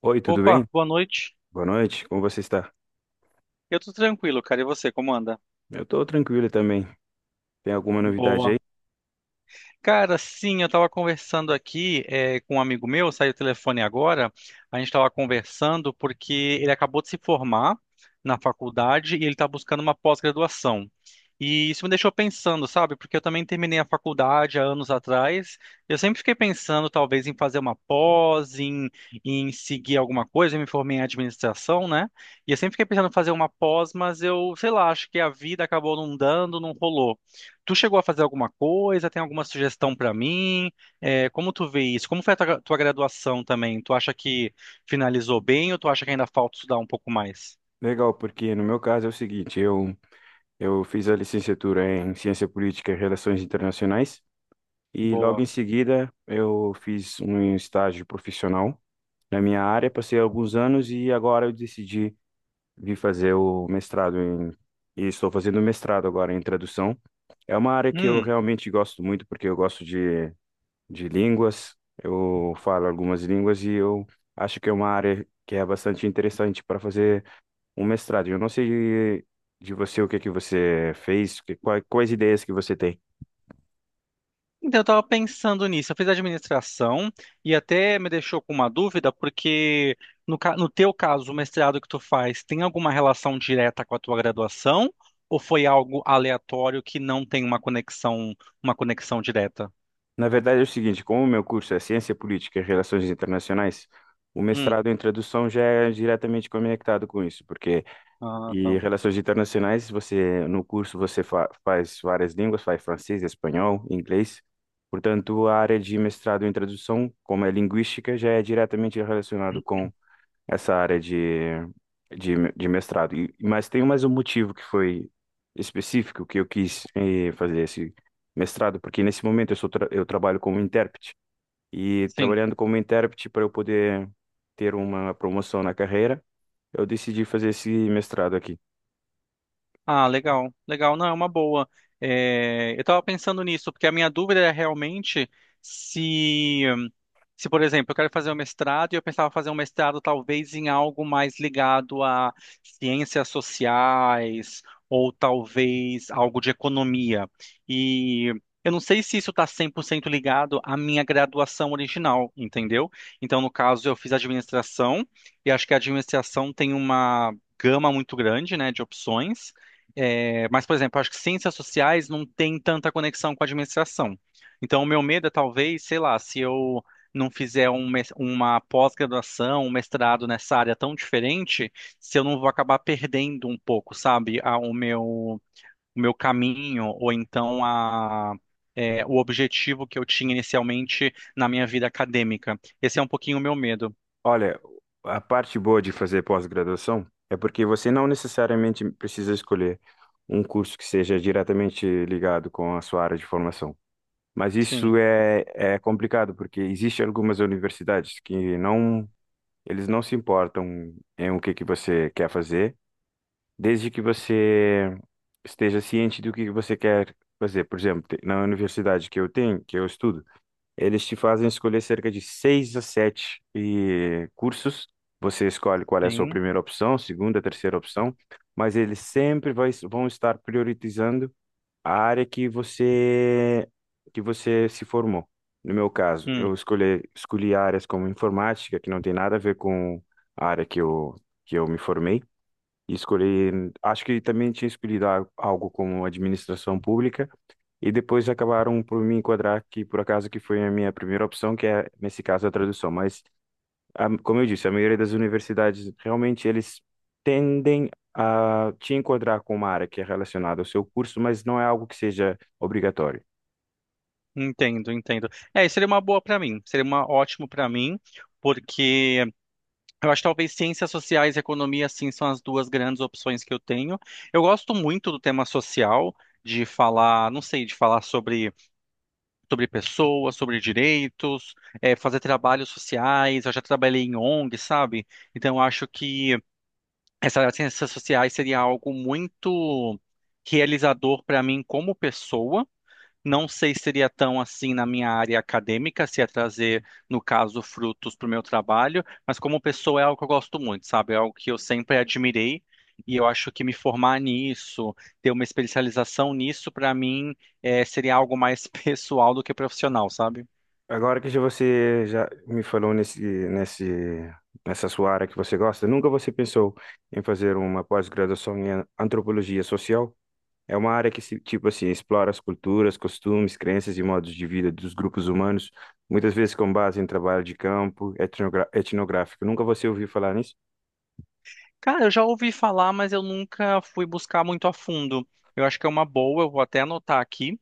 Oi, tudo bem? Opa, boa noite. Boa noite, como você está? Eu tô tranquilo, cara. E você, como anda? Eu estou tranquilo também. Tem alguma novidade aí? Boa. Cara, sim, eu estava conversando aqui com um amigo meu, saiu o telefone agora. A gente estava conversando porque ele acabou de se formar na faculdade e ele está buscando uma pós-graduação. E isso me deixou pensando, sabe? Porque eu também terminei a faculdade há anos atrás. Eu sempre fiquei pensando, talvez, em fazer uma pós, em seguir alguma coisa. Eu me formei em administração, né? E eu sempre fiquei pensando em fazer uma pós, mas eu, sei lá, acho que a vida acabou não dando, não rolou. Tu chegou a fazer alguma coisa? Tem alguma sugestão para mim? É, como tu vê isso? Como foi a tua graduação também? Tu acha que finalizou bem ou tu acha que ainda falta estudar um pouco mais? Legal, porque no meu caso é o seguinte, eu fiz a licenciatura em Ciência Política e Relações Internacionais e logo Boa. em seguida eu fiz um estágio profissional na minha área, passei alguns anos e agora eu decidi vir fazer o e estou fazendo mestrado agora em tradução. É uma área que eu Hum. realmente gosto muito porque eu gosto de línguas. Eu falo algumas línguas e eu acho que é uma área que é bastante interessante para fazer um mestrado. Eu não sei de você o que você fez, quais ideias que você tem. Então, eu tava pensando nisso. Eu fiz administração e até me deixou com uma dúvida, porque no teu caso, o mestrado que tu faz tem alguma relação direta com a tua graduação ou foi algo aleatório que não tem uma conexão direta? Na verdade é o seguinte, como o meu curso é Ciência Política e Relações Internacionais, o Hum. mestrado em tradução já é diretamente conectado com isso, porque Ah, e tá. relações internacionais, você no curso você fa faz várias línguas, faz francês, espanhol, inglês. Portanto, a área de mestrado em tradução, como é linguística, já é diretamente relacionado com essa área de de mestrado. E mas tem mais um motivo que foi específico que eu quis fazer esse mestrado, porque nesse momento eu sou tra eu trabalho como intérprete e Sim. trabalhando como intérprete para eu poder ter uma promoção na carreira, eu decidi fazer esse mestrado aqui. Ah, legal, legal. Não, é uma boa. É, eu estava pensando nisso, porque a minha dúvida é realmente se se, por exemplo, eu quero fazer um mestrado e eu pensava fazer um mestrado talvez em algo mais ligado a ciências sociais ou talvez algo de economia. E eu não sei se isso está 100% ligado à minha graduação original, entendeu? Então, no caso, eu fiz administração e acho que a administração tem uma gama muito grande, né, de opções. É, mas, por exemplo, acho que ciências sociais não tem tanta conexão com a administração. Então, o meu medo é talvez, sei lá, se eu não fizer uma pós-graduação, um mestrado nessa área tão diferente, se eu não vou acabar perdendo um pouco, sabe, o meu caminho, ou então o objetivo que eu tinha inicialmente na minha vida acadêmica. Esse é um pouquinho o meu medo. Olha, a parte boa de fazer pós-graduação é porque você não necessariamente precisa escolher um curso que seja diretamente ligado com a sua área de formação. Mas Sim, é complicado, porque existem algumas universidades que não, eles não se importam em o que você quer fazer, desde que você esteja ciente do que você quer fazer. Por exemplo, na universidade que eu tenho, que eu estudo, eles te fazem escolher cerca de seis a sete cursos. Você escolhe qual é a sua sim. primeira opção, segunda, terceira opção, mas eles sempre vão estar priorizando a área que você se formou. No meu caso, Hum, escolhi áreas como informática, que não tem nada a ver com a área que que eu me formei. E escolhi, acho que também tinha escolhido algo como administração pública, e depois acabaram por me enquadrar que, por acaso, que foi a minha primeira opção, que é, nesse caso, a tradução. Mas, a, como eu disse, a maioria das universidades, realmente, eles tendem a te enquadrar com uma área que é relacionada ao seu curso, mas não é algo que seja obrigatório. entendo, entendo. É, isso seria uma boa para mim, seria uma ótimo para mim, porque eu acho que talvez ciências sociais e economia, assim, são as duas grandes opções que eu tenho. Eu gosto muito do tema social, de falar, não sei, de falar sobre pessoas, sobre direitos, fazer trabalhos sociais. Eu já trabalhei em ONG, sabe? Então, eu acho que essa área de ciências sociais seria algo muito realizador para mim como pessoa. Não sei se seria tão assim na minha área acadêmica, se ia trazer, no caso, frutos para o meu trabalho, mas como pessoa é algo que eu gosto muito, sabe? É algo que eu sempre admirei e eu acho que me formar nisso, ter uma especialização nisso, para mim, seria algo mais pessoal do que profissional, sabe? Agora que já você já me falou nessa sua área que você gosta, nunca você pensou em fazer uma pós-graduação em antropologia social? É uma área que, tipo assim, explora as culturas, costumes, crenças e modos de vida dos grupos humanos, muitas vezes com base em trabalho de campo, etnográfico. Nunca você ouviu falar nisso? Cara, eu já ouvi falar, mas eu nunca fui buscar muito a fundo. Eu acho que é uma boa, eu vou até anotar aqui.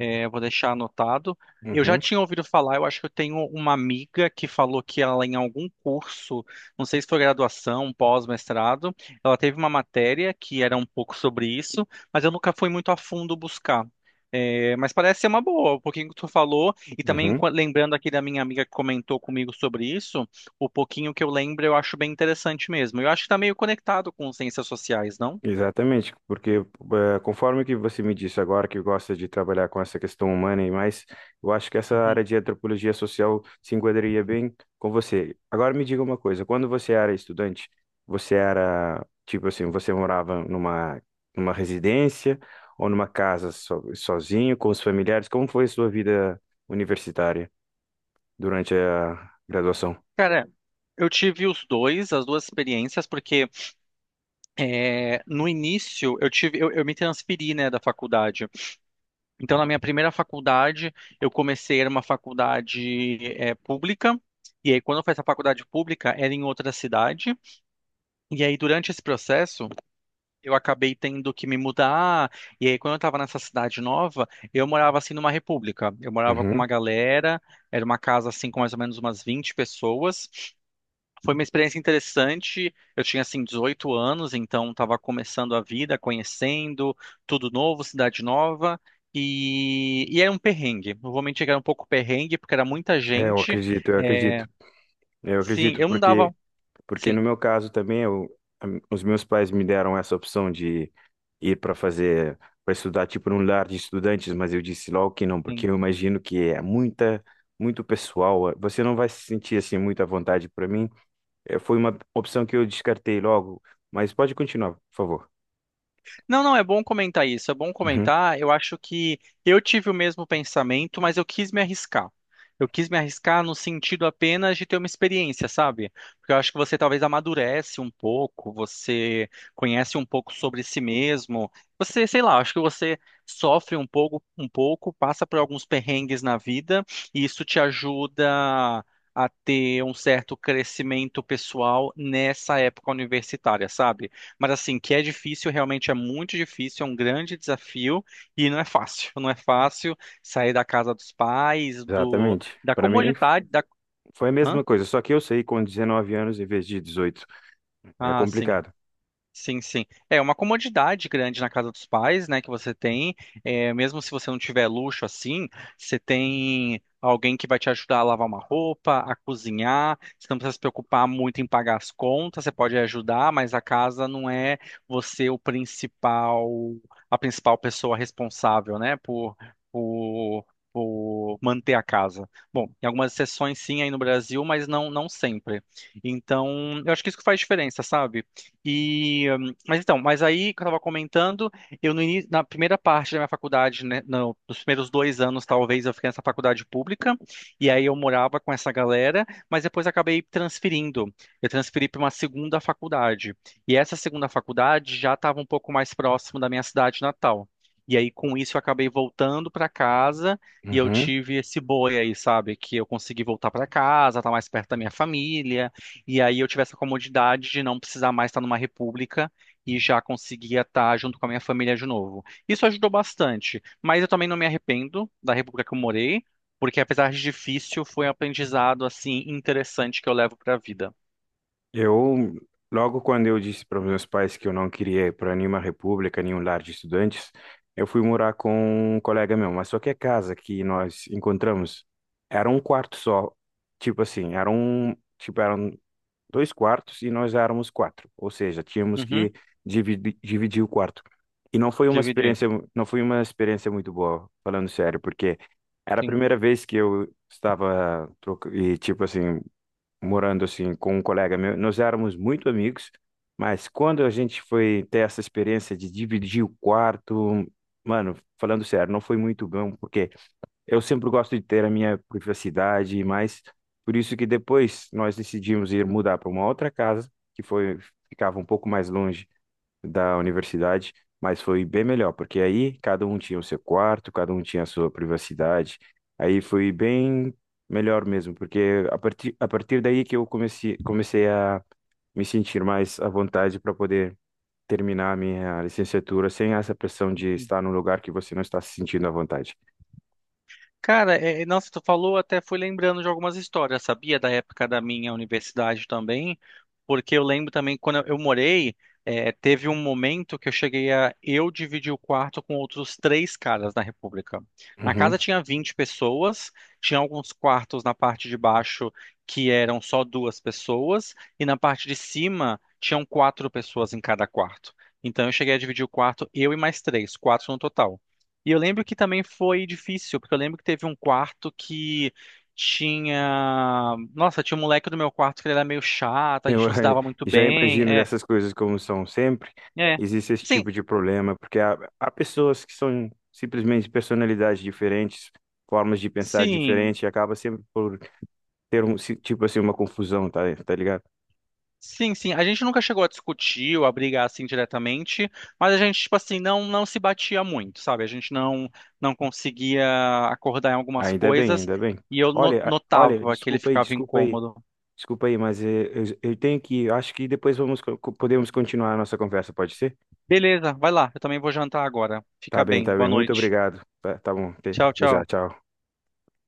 Eu vou deixar anotado. Eu já Uhum, tinha ouvido falar, eu acho que eu tenho uma amiga que falou que ela, em algum curso, não sei se foi graduação, pós-mestrado, ela teve uma matéria que era um pouco sobre isso, mas eu nunca fui muito a fundo buscar. É, mas parece ser uma boa, o pouquinho que tu falou, e também uhum. Lembrando aqui da minha amiga que comentou comigo sobre isso, o pouquinho que eu lembro eu acho bem interessante mesmo. Eu acho que tá meio conectado com ciências sociais, não? Exatamente, porque conforme que você me disse agora que gosta de trabalhar com essa questão humana e mais, eu acho que essa Uhum. área de antropologia social se enquadraria bem com você. Agora me diga uma coisa, quando você era estudante, você era, tipo assim, você morava numa residência ou numa casa sozinho, com os familiares? Como foi a sua vida universitária durante a graduação? Cara, eu tive os dois, as duas experiências, porque no início, eu me transferi, né, da faculdade. Então, na minha primeira faculdade, eu comecei era uma faculdade pública. E aí, quando eu fiz a faculdade pública, era em outra cidade. E aí, durante esse processo, eu acabei tendo que me mudar. E aí, quando eu estava nessa cidade nova, eu morava assim numa república. Eu morava com Uhum. uma galera. Era uma casa assim com mais ou menos umas 20 pessoas. Foi uma experiência interessante. Eu tinha assim 18 anos, então estava começando a vida, conhecendo tudo novo, cidade nova. E era um perrengue. Não era um pouco perrengue, porque era muita É, eu gente. acredito, eu acredito. É, Eu sim, acredito, eu não porque dava. porque no Sim, meu caso também, os meus pais me deram essa opção de ir para fazer, para estudar tipo num lar de estudantes, mas eu disse logo que não, porque sim. eu imagino que é muito pessoal. Você não vai se sentir assim muito à vontade para mim. Foi uma opção que eu descartei logo, mas pode continuar, por favor. Não, não, é bom comentar isso, é bom Uhum. comentar. Eu acho que eu tive o mesmo pensamento, mas eu quis me arriscar. Eu quis me arriscar no sentido apenas de ter uma experiência, sabe? Porque eu acho que você talvez amadurece um pouco, você conhece um pouco sobre si mesmo. Você, sei lá, acho que você sofre um pouco, passa por alguns perrengues na vida, e isso te ajuda a ter um certo crescimento pessoal nessa época universitária, sabe? Mas assim, que é difícil, realmente é muito difícil, é um grande desafio e não é fácil. Não é fácil sair da casa dos pais, do Exatamente. da Para comodidade. foi a Hã? mesma coisa, só que eu saí com 19 anos em vez de 18. É Ah, sim. complicado. Sim, sim. É uma comodidade grande na casa dos pais, né, que você tem. É, mesmo se você não tiver luxo assim, você tem alguém que vai te ajudar a lavar uma roupa, a cozinhar. Você não precisa se preocupar muito em pagar as contas, você pode ajudar, mas a casa não é você o principal, a principal pessoa responsável, né, por por manter a casa. Bom, em algumas exceções sim aí no Brasil, mas não sempre. Então, eu acho que isso que faz diferença, sabe? E, mas então, mas aí que eu estava comentando, eu no início, na primeira parte da minha faculdade, né, não, nos primeiros 2 anos talvez eu fiquei nessa faculdade pública e aí eu morava com essa galera, mas depois acabei transferindo. Eu transferi para uma segunda faculdade e essa segunda faculdade já estava um pouco mais próximo da minha cidade natal. E aí com isso eu acabei voltando para casa e eu Uhum. tive esse boi aí, sabe, que eu consegui voltar para casa, tá mais perto da minha família. E aí eu tive essa comodidade de não precisar mais estar numa república e já conseguia estar junto com a minha família de novo. Isso ajudou bastante, mas eu também não me arrependo da república que eu morei, porque apesar de difícil, foi um aprendizado assim interessante que eu levo para a vida. Eu, logo quando eu disse para os meus pais que eu não queria ir para nenhuma república, nenhum lar de estudantes, eu fui morar com um colega meu, mas só que a casa que nós encontramos era um quarto só, tipo assim, era um, tipo, eram dois quartos e nós éramos quatro, ou seja, tínhamos Uhum, que dividir o quarto. E não foi uma dividir, não foi uma experiência muito boa, falando sério, porque era a sim. primeira vez que eu estava e tipo assim morando assim com um colega meu, nós éramos muito amigos, mas quando a gente foi ter essa experiência de dividir o quarto, mano, falando sério, não foi muito bom, porque eu sempre gosto de ter a minha privacidade, mas por isso que depois nós decidimos ir mudar para uma outra casa, que foi ficava um pouco mais longe da universidade, mas foi bem melhor, porque aí cada um tinha o seu quarto, cada um tinha a sua privacidade. Aí foi bem melhor mesmo, porque a partir daí que comecei a me sentir mais à vontade para poder terminar a minha licenciatura sem essa pressão de estar num lugar que você não está se sentindo à vontade. Cara, nossa, tu falou, até fui lembrando de algumas histórias, sabia? Da época da minha universidade também, porque eu lembro também quando eu morei, teve um momento que eu cheguei a eu dividir o quarto com outros três caras na República. Na Uhum. casa tinha 20 pessoas, tinha alguns quartos na parte de baixo que eram só duas pessoas, e na parte de cima tinham quatro pessoas em cada quarto. Então eu cheguei a dividir o quarto, eu e mais três, quatro no total. E eu lembro que também foi difícil, porque eu lembro que teve um quarto que tinha. Nossa, tinha um moleque do meu quarto que ele era meio chato, a Eu gente não se dava muito já bem. imagino É, dessas coisas como são sempre. é. Existe esse Sim, tipo de problema, porque há pessoas que são simplesmente personalidades diferentes, formas de pensar sim. diferentes, e acaba sempre por ter um tipo assim uma confusão, tá ligado? Sim, sim. A gente nunca chegou a discutir ou a brigar assim diretamente, mas a gente, tipo assim, não se batia muito, sabe? A gente não conseguia acordar em algumas Ainda bem, coisas ainda bem. e eu Olha, olha, notava que ele ficava incômodo. desculpa aí, mas eu tenho que, acho que depois vamos podemos continuar a nossa conversa, pode ser? Beleza, vai lá, eu também vou jantar agora. Tá Fica bem, bem, tá boa bem. Muito noite. obrigado. Tá, tá bom. Tchau, Até já, tchau. tchau.